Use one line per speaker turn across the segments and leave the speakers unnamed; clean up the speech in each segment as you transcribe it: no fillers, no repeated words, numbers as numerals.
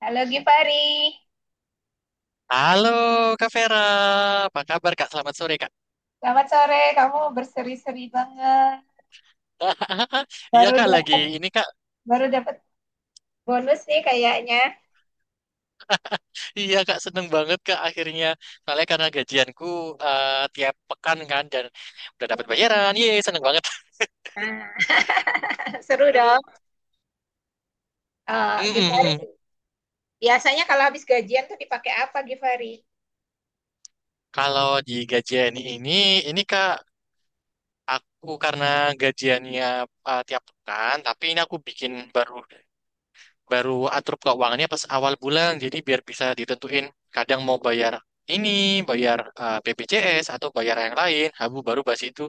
Halo Gifari,
Halo Kak Vera, apa kabar Kak? Selamat sore Kak.
selamat sore. Kamu berseri-seri banget.
Iya
Baru
Kak, lagi
dapat
ini Kak.
baru dapat bonus nih kayaknya.
Iya Kak, seneng banget Kak akhirnya. Soalnya karena gajianku tiap pekan kan dan udah dapat bayaran. Yeay, seneng banget.
Nah, seru dong.
Aduh.
Eh
Mm,
Gifari,
mm, mm.
biasanya kalau habis gajian tuh dipakai apa Gifari?
Kalau di gajian ini Kak, aku karena gajiannya tiap pekan, tapi ini aku bikin baru baru atur keuangannya pas awal bulan jadi biar bisa ditentuin kadang mau bayar ini, bayar BPJS atau bayar yang lain habu baru bas itu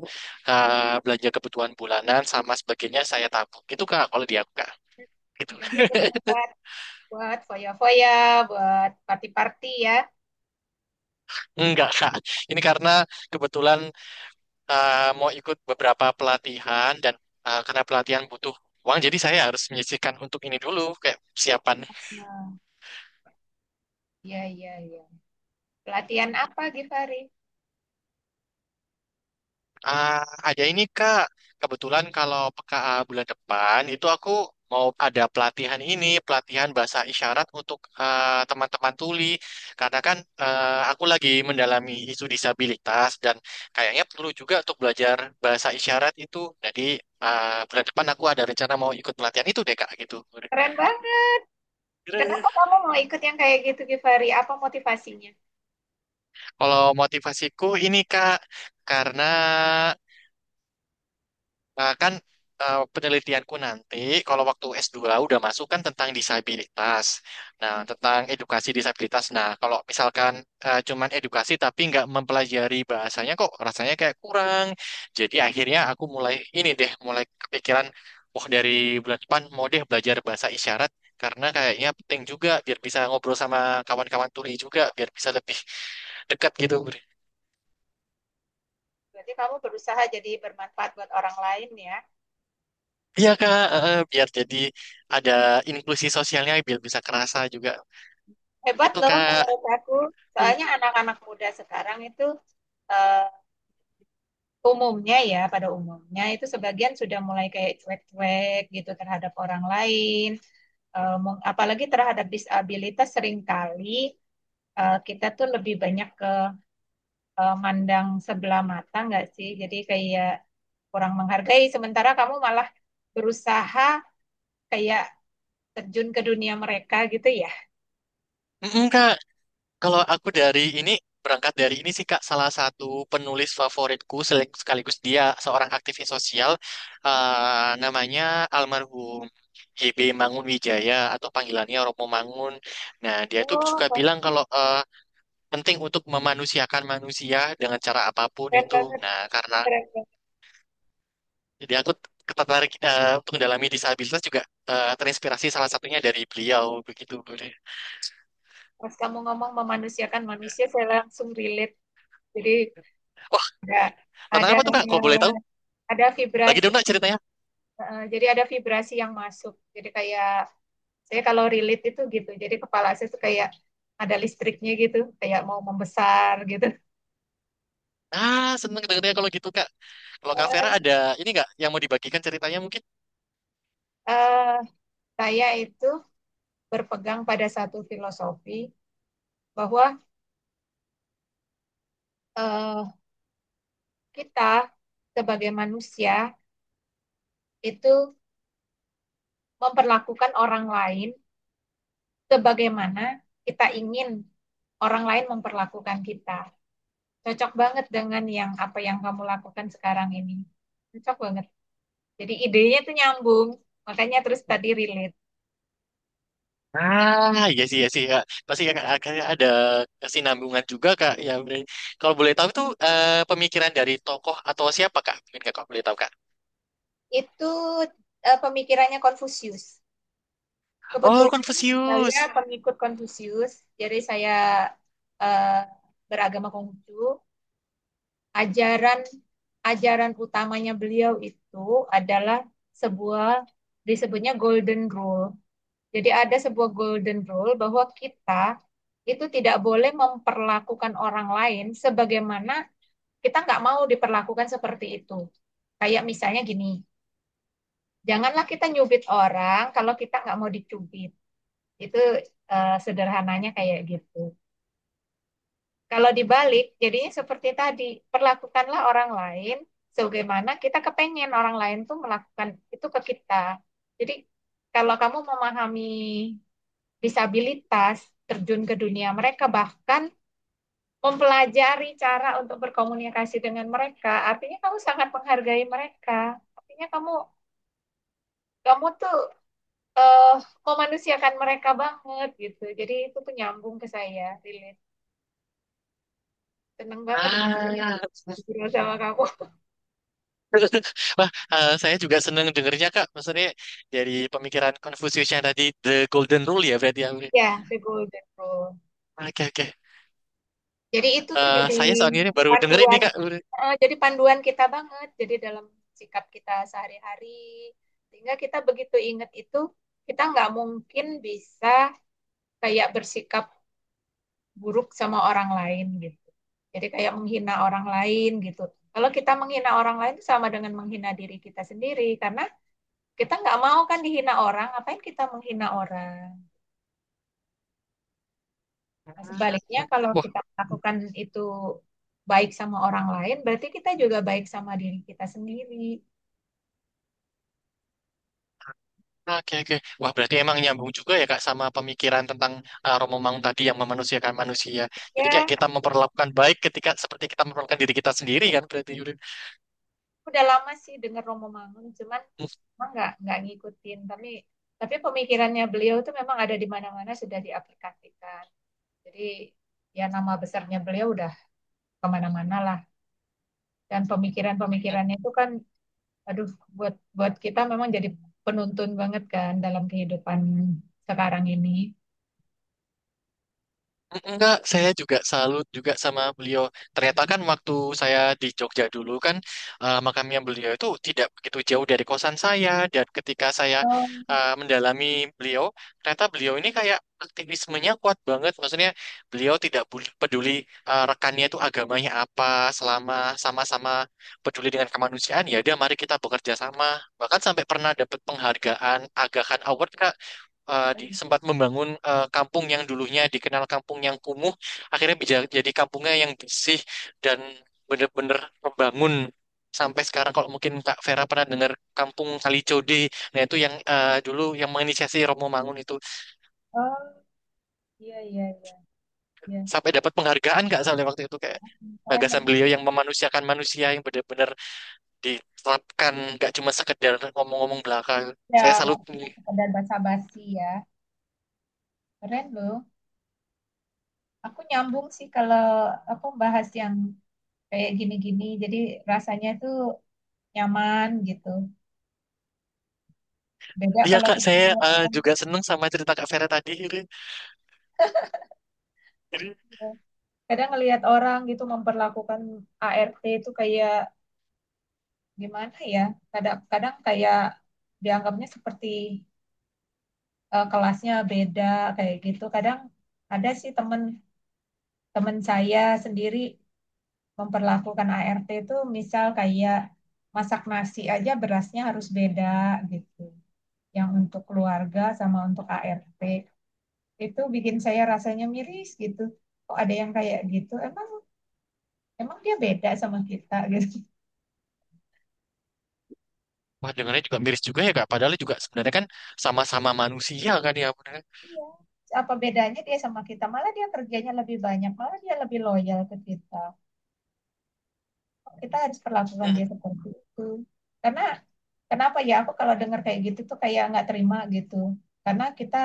belanja kebutuhan bulanan sama sebagainya saya tabung. Itu Kak kalau di aku Kak, gitu.
Gaji bukan buat buat foya-foya, buat party-party ya.
Enggak Kak, ini karena kebetulan mau ikut beberapa pelatihan dan karena pelatihan butuh uang jadi saya harus menyisihkan untuk ini dulu kayak persiapan.
Nah, iya iya iya. Pelatihan apa Gifari?
Ah, ada ini Kak. Kebetulan kalau peka bulan depan itu aku mau ada pelatihan ini, pelatihan bahasa isyarat untuk teman-teman tuli. Karena kan aku lagi mendalami isu disabilitas dan kayaknya perlu juga untuk belajar bahasa isyarat itu. Jadi bulan depan aku ada rencana mau ikut pelatihan itu deh Kak, gitu.
Keren banget. Kenapa kamu mau ikut yang kayak gitu Gifari? Apa motivasinya?
Kalau motivasiku ini Kak, karena nah kan penelitianku nanti kalau waktu S2 udah masuk kan tentang disabilitas. Nah, tentang edukasi disabilitas. Nah, kalau misalkan cuman edukasi tapi nggak mempelajari bahasanya kok rasanya kayak kurang. Jadi akhirnya aku mulai ini deh, mulai kepikiran, wah dari bulan depan mau deh belajar bahasa isyarat karena kayaknya penting juga biar bisa ngobrol sama kawan-kawan tuli juga biar bisa lebih dekat gitu.
Berarti kamu berusaha jadi bermanfaat buat orang lain ya.
Iya Kak, biar jadi ada inklusi sosialnya biar bisa kerasa juga.
Hebat
Itu
loh
Kak.
menurut aku. Soalnya anak-anak muda sekarang itu eh, umumnya ya, pada umumnya itu sebagian sudah mulai kayak cuek-cuek gitu terhadap orang lain. Apalagi terhadap disabilitas seringkali kita tuh lebih banyak ke mandang sebelah mata nggak sih? Jadi kayak kurang menghargai. Sementara kamu malah berusaha kayak terjun ke dunia mereka gitu ya.
Mm-mm, Kak, kalau aku dari ini, berangkat dari ini sih Kak, salah satu penulis favoritku sekaligus dia seorang aktivis sosial, namanya almarhum HB Mangun Wijaya atau panggilannya Romo Mangun. Nah, dia itu suka
Oh,
bilang kalau penting untuk memanusiakan manusia dengan cara apapun
keren
itu.
banget,
Nah, karena
keren banget.
jadi aku tertarik untuk mendalami disabilitas juga, terinspirasi salah satunya dari beliau begitu.
Pas kamu ngomong memanusiakan manusia, saya langsung relate. Jadi
Wah, tentang
ada
apa tuh Kak?
ada
Kok boleh tahu?
ada
Lagi
vibrasi.
dong nak ceritanya.
Jadi ada vibrasi yang masuk. Jadi kayak saya kalau relate itu gitu. Jadi kepala saya tuh kayak ada listriknya gitu, kayak mau membesar gitu.
Ah, seneng dengarnya kalau gitu Kak. Kalau Kak Vera ada ini nggak yang mau dibagikan ceritanya mungkin?
Eh, saya itu berpegang pada satu filosofi bahwa eh, kita sebagai manusia itu memperlakukan orang lain sebagaimana kita ingin orang lain memperlakukan kita. Cocok banget dengan yang apa yang kamu lakukan sekarang ini. Cocok banget. Jadi idenya tuh nyambung, makanya terus tadi relate.
Ah, iya sih, iya sih Kak. Pasti Kak akhirnya ada kesinambungan juga Kak. Ya, bener. Kalau boleh tahu itu pemikiran dari tokoh atau siapa Kak? Mungkin Kakak boleh tahu Kak.
Itu pemikirannya Konfusius.
Oh,
Kebetulan saya
Confucius.
pengikut Konfusius, jadi saya eh, beragama Konghucu. Ajaran ajaran utamanya beliau itu adalah sebuah disebutnya golden rule. Jadi ada sebuah golden rule bahwa kita itu tidak boleh memperlakukan orang lain sebagaimana kita nggak mau diperlakukan seperti itu. Kayak misalnya gini, janganlah kita nyubit orang kalau kita nggak mau dicubit. Itu sederhananya kayak gitu. Kalau dibalik, jadinya seperti tadi, perlakukanlah orang lain sebagaimana kita kepengen orang lain tuh melakukan itu ke kita. Jadi kalau kamu memahami disabilitas terjun ke dunia mereka, bahkan mempelajari cara untuk berkomunikasi dengan mereka. Artinya kamu sangat menghargai mereka. Artinya kamu kamu tuh eh memanusiakan mereka banget gitu. Jadi itu tuh nyambung ke saya, relate. Seneng banget
Ah,
ngobrol sama kamu.
wah, saya juga seneng dengernya Kak. Maksudnya dari pemikiran Confucius yang tadi The Golden Rule ya berarti ya.
Ya, the golden rule.
Oke, oke.
Jadi itu tuh jadi
Saya soalnya ini baru dengerin nih
panduan
Kak.
jadi panduan kita banget. Jadi dalam sikap kita sehari-hari, sehingga kita begitu ingat itu, kita nggak mungkin bisa kayak bersikap buruk sama orang lain gitu. Jadi kayak menghina orang lain gitu. Kalau kita menghina orang lain itu sama dengan menghina diri kita sendiri karena kita nggak mau kan dihina orang, ngapain kita menghina orang. Nah, sebaliknya kalau kita melakukan itu baik sama orang lain, berarti kita juga baik sama diri kita sendiri.
Oke, oke. Wah, berarti emang nyambung juga ya Kak, sama pemikiran tentang Romo Mangun tadi yang memanusiakan manusia. Jadi kayak
Ya,
kita memperlakukan baik ketika seperti kita memperlakukan diri kita sendiri kan, berarti Yurin.
udah lama sih denger Romo Mangun cuman emang nggak ngikutin tapi pemikirannya beliau tuh memang ada di mana-mana sudah diaplikasikan jadi ya nama besarnya beliau udah kemana-mana lah dan pemikiran-pemikirannya itu kan aduh buat buat kita memang jadi penuntun banget kan dalam kehidupan sekarang ini.
Enggak, saya juga salut juga sama beliau. Ternyata kan waktu saya di Jogja dulu kan, makamnya beliau itu tidak begitu jauh dari kosan saya dan ketika saya
Oh,
mendalami beliau, ternyata beliau ini kayak aktivismenya kuat banget. Maksudnya beliau tidak peduli rekannya itu agamanya apa, selama sama-sama peduli dengan kemanusiaan ya udah mari kita bekerja sama. Bahkan sampai pernah dapat penghargaan Aga Khan Award Kak, sempat membangun kampung yang dulunya dikenal kampung yang kumuh, akhirnya bisa jadi kampungnya yang bersih dan bener-bener membangun sampai sekarang. Kalau mungkin Kak Vera pernah dengar kampung Kalicode, nah itu yang dulu yang menginisiasi Romo Mangun itu
oh, iya iya iya iya.
sampai dapat penghargaan Kak soalnya waktu itu kayak
Keren
gagasan
banget
beliau
ya.
yang memanusiakan manusia yang benar-benar diterapkan, nggak cuma sekedar ngomong-ngomong belakang.
Ya,
Saya
nggak
salut
cuma
nih.
sekedar basa-basi ya. Keren loh. Aku nyambung sih kalau aku bahas yang kayak gini-gini, jadi rasanya tuh nyaman gitu. Beda
Iya
kalau
Kak,
kita
saya
ngeliat orang,
juga seneng sama cerita Kak Vera tadi.
gitu. Kadang ngelihat orang gitu memperlakukan ART itu kayak gimana ya? Kadang-kadang kayak dianggapnya seperti kelasnya beda kayak gitu. Kadang ada sih temen temen saya sendiri memperlakukan ART itu misal kayak masak nasi aja berasnya harus beda gitu. Yang untuk keluarga sama untuk ART itu bikin saya rasanya miris gitu. Kok ada yang kayak gitu? Emang emang dia beda sama kita gitu.
Wah, dengarnya juga miris juga ya Kak. Padahal juga sebenarnya kan sama-sama manusia kan ya, bener kan?
Iya. Apa bedanya dia sama kita? Malah dia kerjanya lebih banyak, malah dia lebih loyal ke kita. Kita harus perlakukan
Mm.
dia seperti itu. Karena kenapa ya aku kalau dengar kayak gitu tuh kayak nggak terima gitu. Karena kita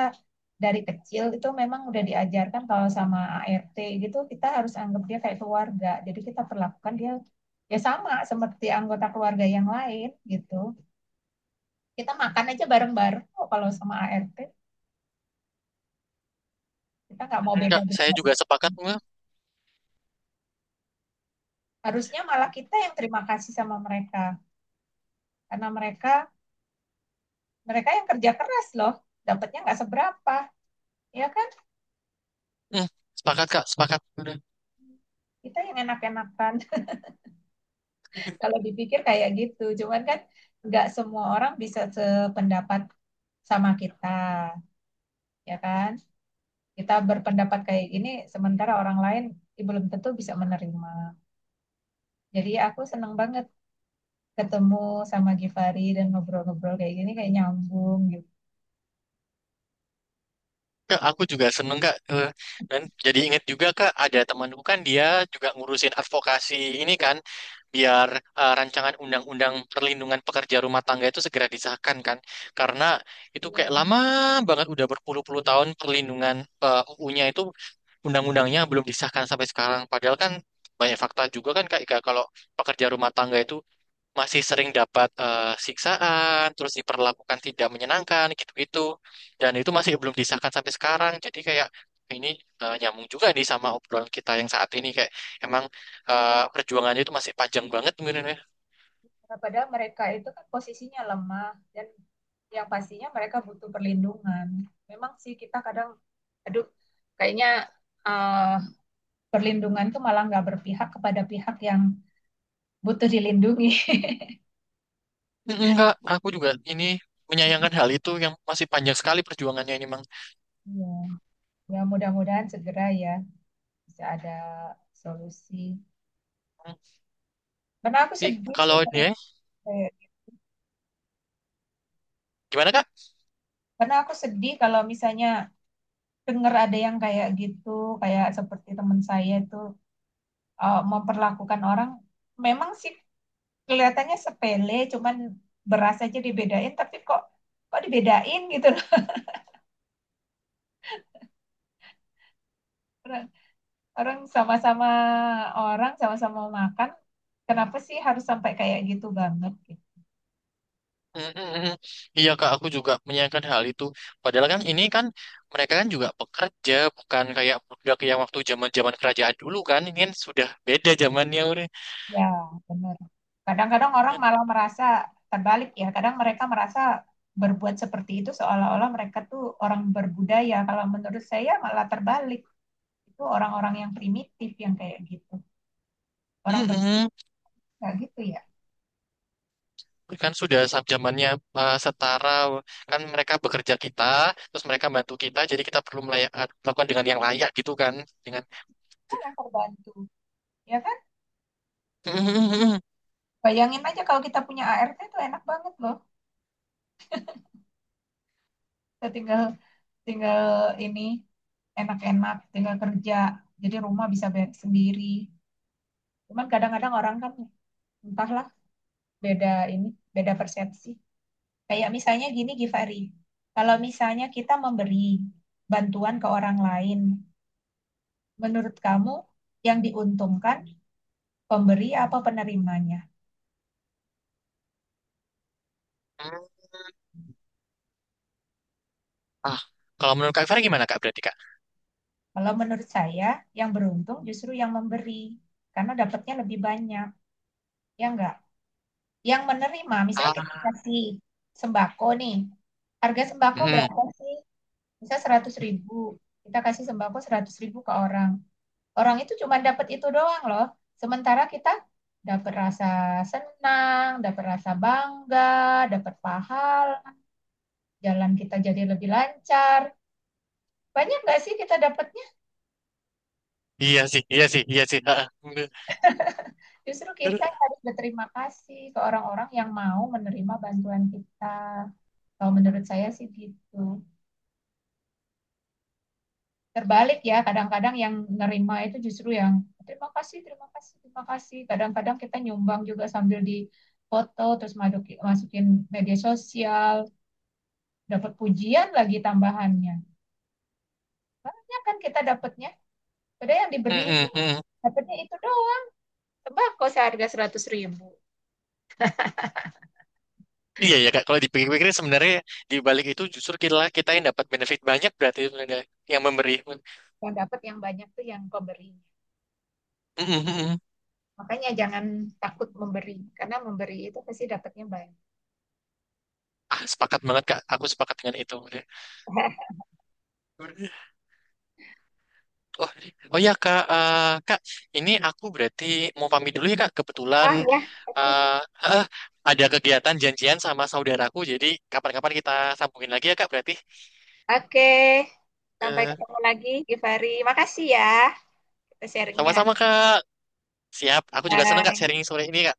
dari kecil itu memang udah diajarkan kalau sama ART gitu kita harus anggap dia kayak keluarga. Jadi kita perlakukan dia ya sama seperti anggota keluarga yang lain gitu. Kita makan aja bareng-bareng kok kalau sama ART. Kita nggak mau beda
Enggak, saya
beda.
juga sepakat. Mm,
Harusnya malah kita yang terima kasih sama mereka karena mereka mereka yang kerja keras loh. Dapatnya nggak seberapa, ya kan?
mm, sepakat Kak. Sepakat.
Kita yang enak-enakan. Kalau dipikir kayak gitu, cuman kan nggak semua orang bisa sependapat sama kita, ya kan? Kita berpendapat kayak gini, sementara orang lain ya belum tentu bisa menerima. Jadi aku seneng banget ketemu sama Givari dan ngobrol-ngobrol kayak gini, kayak nyambung gitu.
Kak, aku juga seneng Kak. Eh, dan jadi inget juga Kak, ada temanku kan dia juga ngurusin advokasi ini kan biar rancangan undang-undang perlindungan pekerja rumah tangga itu segera disahkan kan karena itu
Iya.
kayak lama banget udah berpuluh-puluh tahun perlindungan UU-nya itu, undang-undangnya belum disahkan sampai sekarang padahal kan banyak fakta juga kan kak Ika, kalau pekerja rumah tangga itu masih sering dapat siksaan, terus diperlakukan tidak menyenangkan gitu-gitu. Dan itu masih belum disahkan sampai sekarang. Jadi kayak ini nyambung juga nih sama obrolan kita yang saat ini kayak emang perjuangannya itu masih panjang banget mungkin ya.
Nah, padahal mereka itu kan posisinya lemah dan yang pastinya mereka butuh perlindungan. Memang sih kita kadang, aduh, kayaknya eh, perlindungan tuh malah nggak berpihak kepada pihak yang butuh dilindungi.
Mm. Enggak, aku juga ini menyayangkan hal itu yang masih panjang sekali perjuangannya ini, Mang.
Ya, ya mudah-mudahan segera ya bisa ada solusi. Karena aku
Tapi
sedih sih
kalau ini ya, gimana Kak?
karena aku sedih kalau misalnya dengar ada yang kayak gitu, kayak seperti teman saya itu memperlakukan orang memang sih kelihatannya sepele, cuman beras aja dibedain, tapi kok kok dibedain gitu loh. Orang sama-sama orang sama-sama mau makan kenapa sih harus sampai kayak gitu banget gitu.
Mm-mm. Iya kak, aku juga menyayangkan hal itu. Padahal kan ini kan mereka kan juga pekerja, bukan kayak budak yang waktu zaman-zaman kerajaan dulu kan. Ini kan sudah beda zamannya udah.
Ya, benar. Kadang-kadang orang
Kan,
malah merasa terbalik ya kadang mereka merasa berbuat seperti itu seolah-olah mereka tuh orang berbudaya kalau menurut saya malah terbalik itu orang-orang yang primitif yang kayak gitu orang
mm-mm.
berbudaya gitu ya.
Kan sudah saat zamannya setara. Kan mereka bekerja kita, terus mereka bantu kita. Jadi kita perlu melayak, melakukan dengan yang layak gitu kan. Dengan
Oh, yang terbantu ya kan
mm-mm.
bayangin aja kalau kita punya ART itu enak banget loh kita tinggal tinggal ini enak-enak, tinggal kerja. Jadi rumah bisa beres sendiri. Cuman kadang-kadang orang kan entahlah beda ini, beda persepsi. Kayak misalnya gini Givari, kalau misalnya kita memberi bantuan ke orang lain, menurut kamu yang diuntungkan pemberi apa penerimanya?
Ah, kalau menurut kak Fira gimana kak berarti kak?
Kalau menurut saya yang beruntung justru yang memberi karena dapatnya lebih banyak, ya enggak? Yang menerima, misalnya kita
Ah,
kasih sembako nih, harga sembako
mm-mm.
berapa sih? Misal 100 ribu, kita kasih sembako 100 ribu ke orang. Orang itu cuma dapat itu doang loh. Sementara kita dapat rasa senang, dapat rasa bangga, dapat pahala, jalan kita jadi lebih lancar. Banyak nggak sih kita dapatnya?
Iya sih, iya sih, iya sih. Ah, bener.
Justru kita yang harus berterima kasih ke orang-orang yang mau menerima bantuan kita. Kalau menurut saya sih gitu. Terbalik ya kadang-kadang yang nerima itu justru yang terima kasih terima kasih terima kasih kadang-kadang kita nyumbang juga sambil di foto terus masukin media sosial dapat pujian lagi tambahannya banyak kan kita dapatnya padahal yang diberi itu
Mm-mm.
dapatnya itu doang tembakau seharga 100 ribu
Iya ya kak, kalau dipikir-pikir sebenarnya di balik itu justru kita kita yang dapat benefit banyak berarti sebenarnya yang memberi.
yang dapat yang banyak tuh yang pemberinya
Mm, mm, mm.
makanya jangan takut memberi karena memberi itu pasti dapatnya banyak.
Ah, sepakat banget kak, aku sepakat dengan itu. Oh, oh ya kak, eh, kak, ini aku berarti mau pamit dulu ya kak. Kebetulan
Ah ya, oke.
eh, eh, ada kegiatan janjian sama saudaraku, jadi kapan-kapan kita sambungin lagi ya kak berarti.
oke Sampai
Eh,
ketemu lagi, Givari. Makasih ya. Sharingnya.
sama-sama kak, siap. Aku juga senang kak
Bye.
sharing sore ini kak.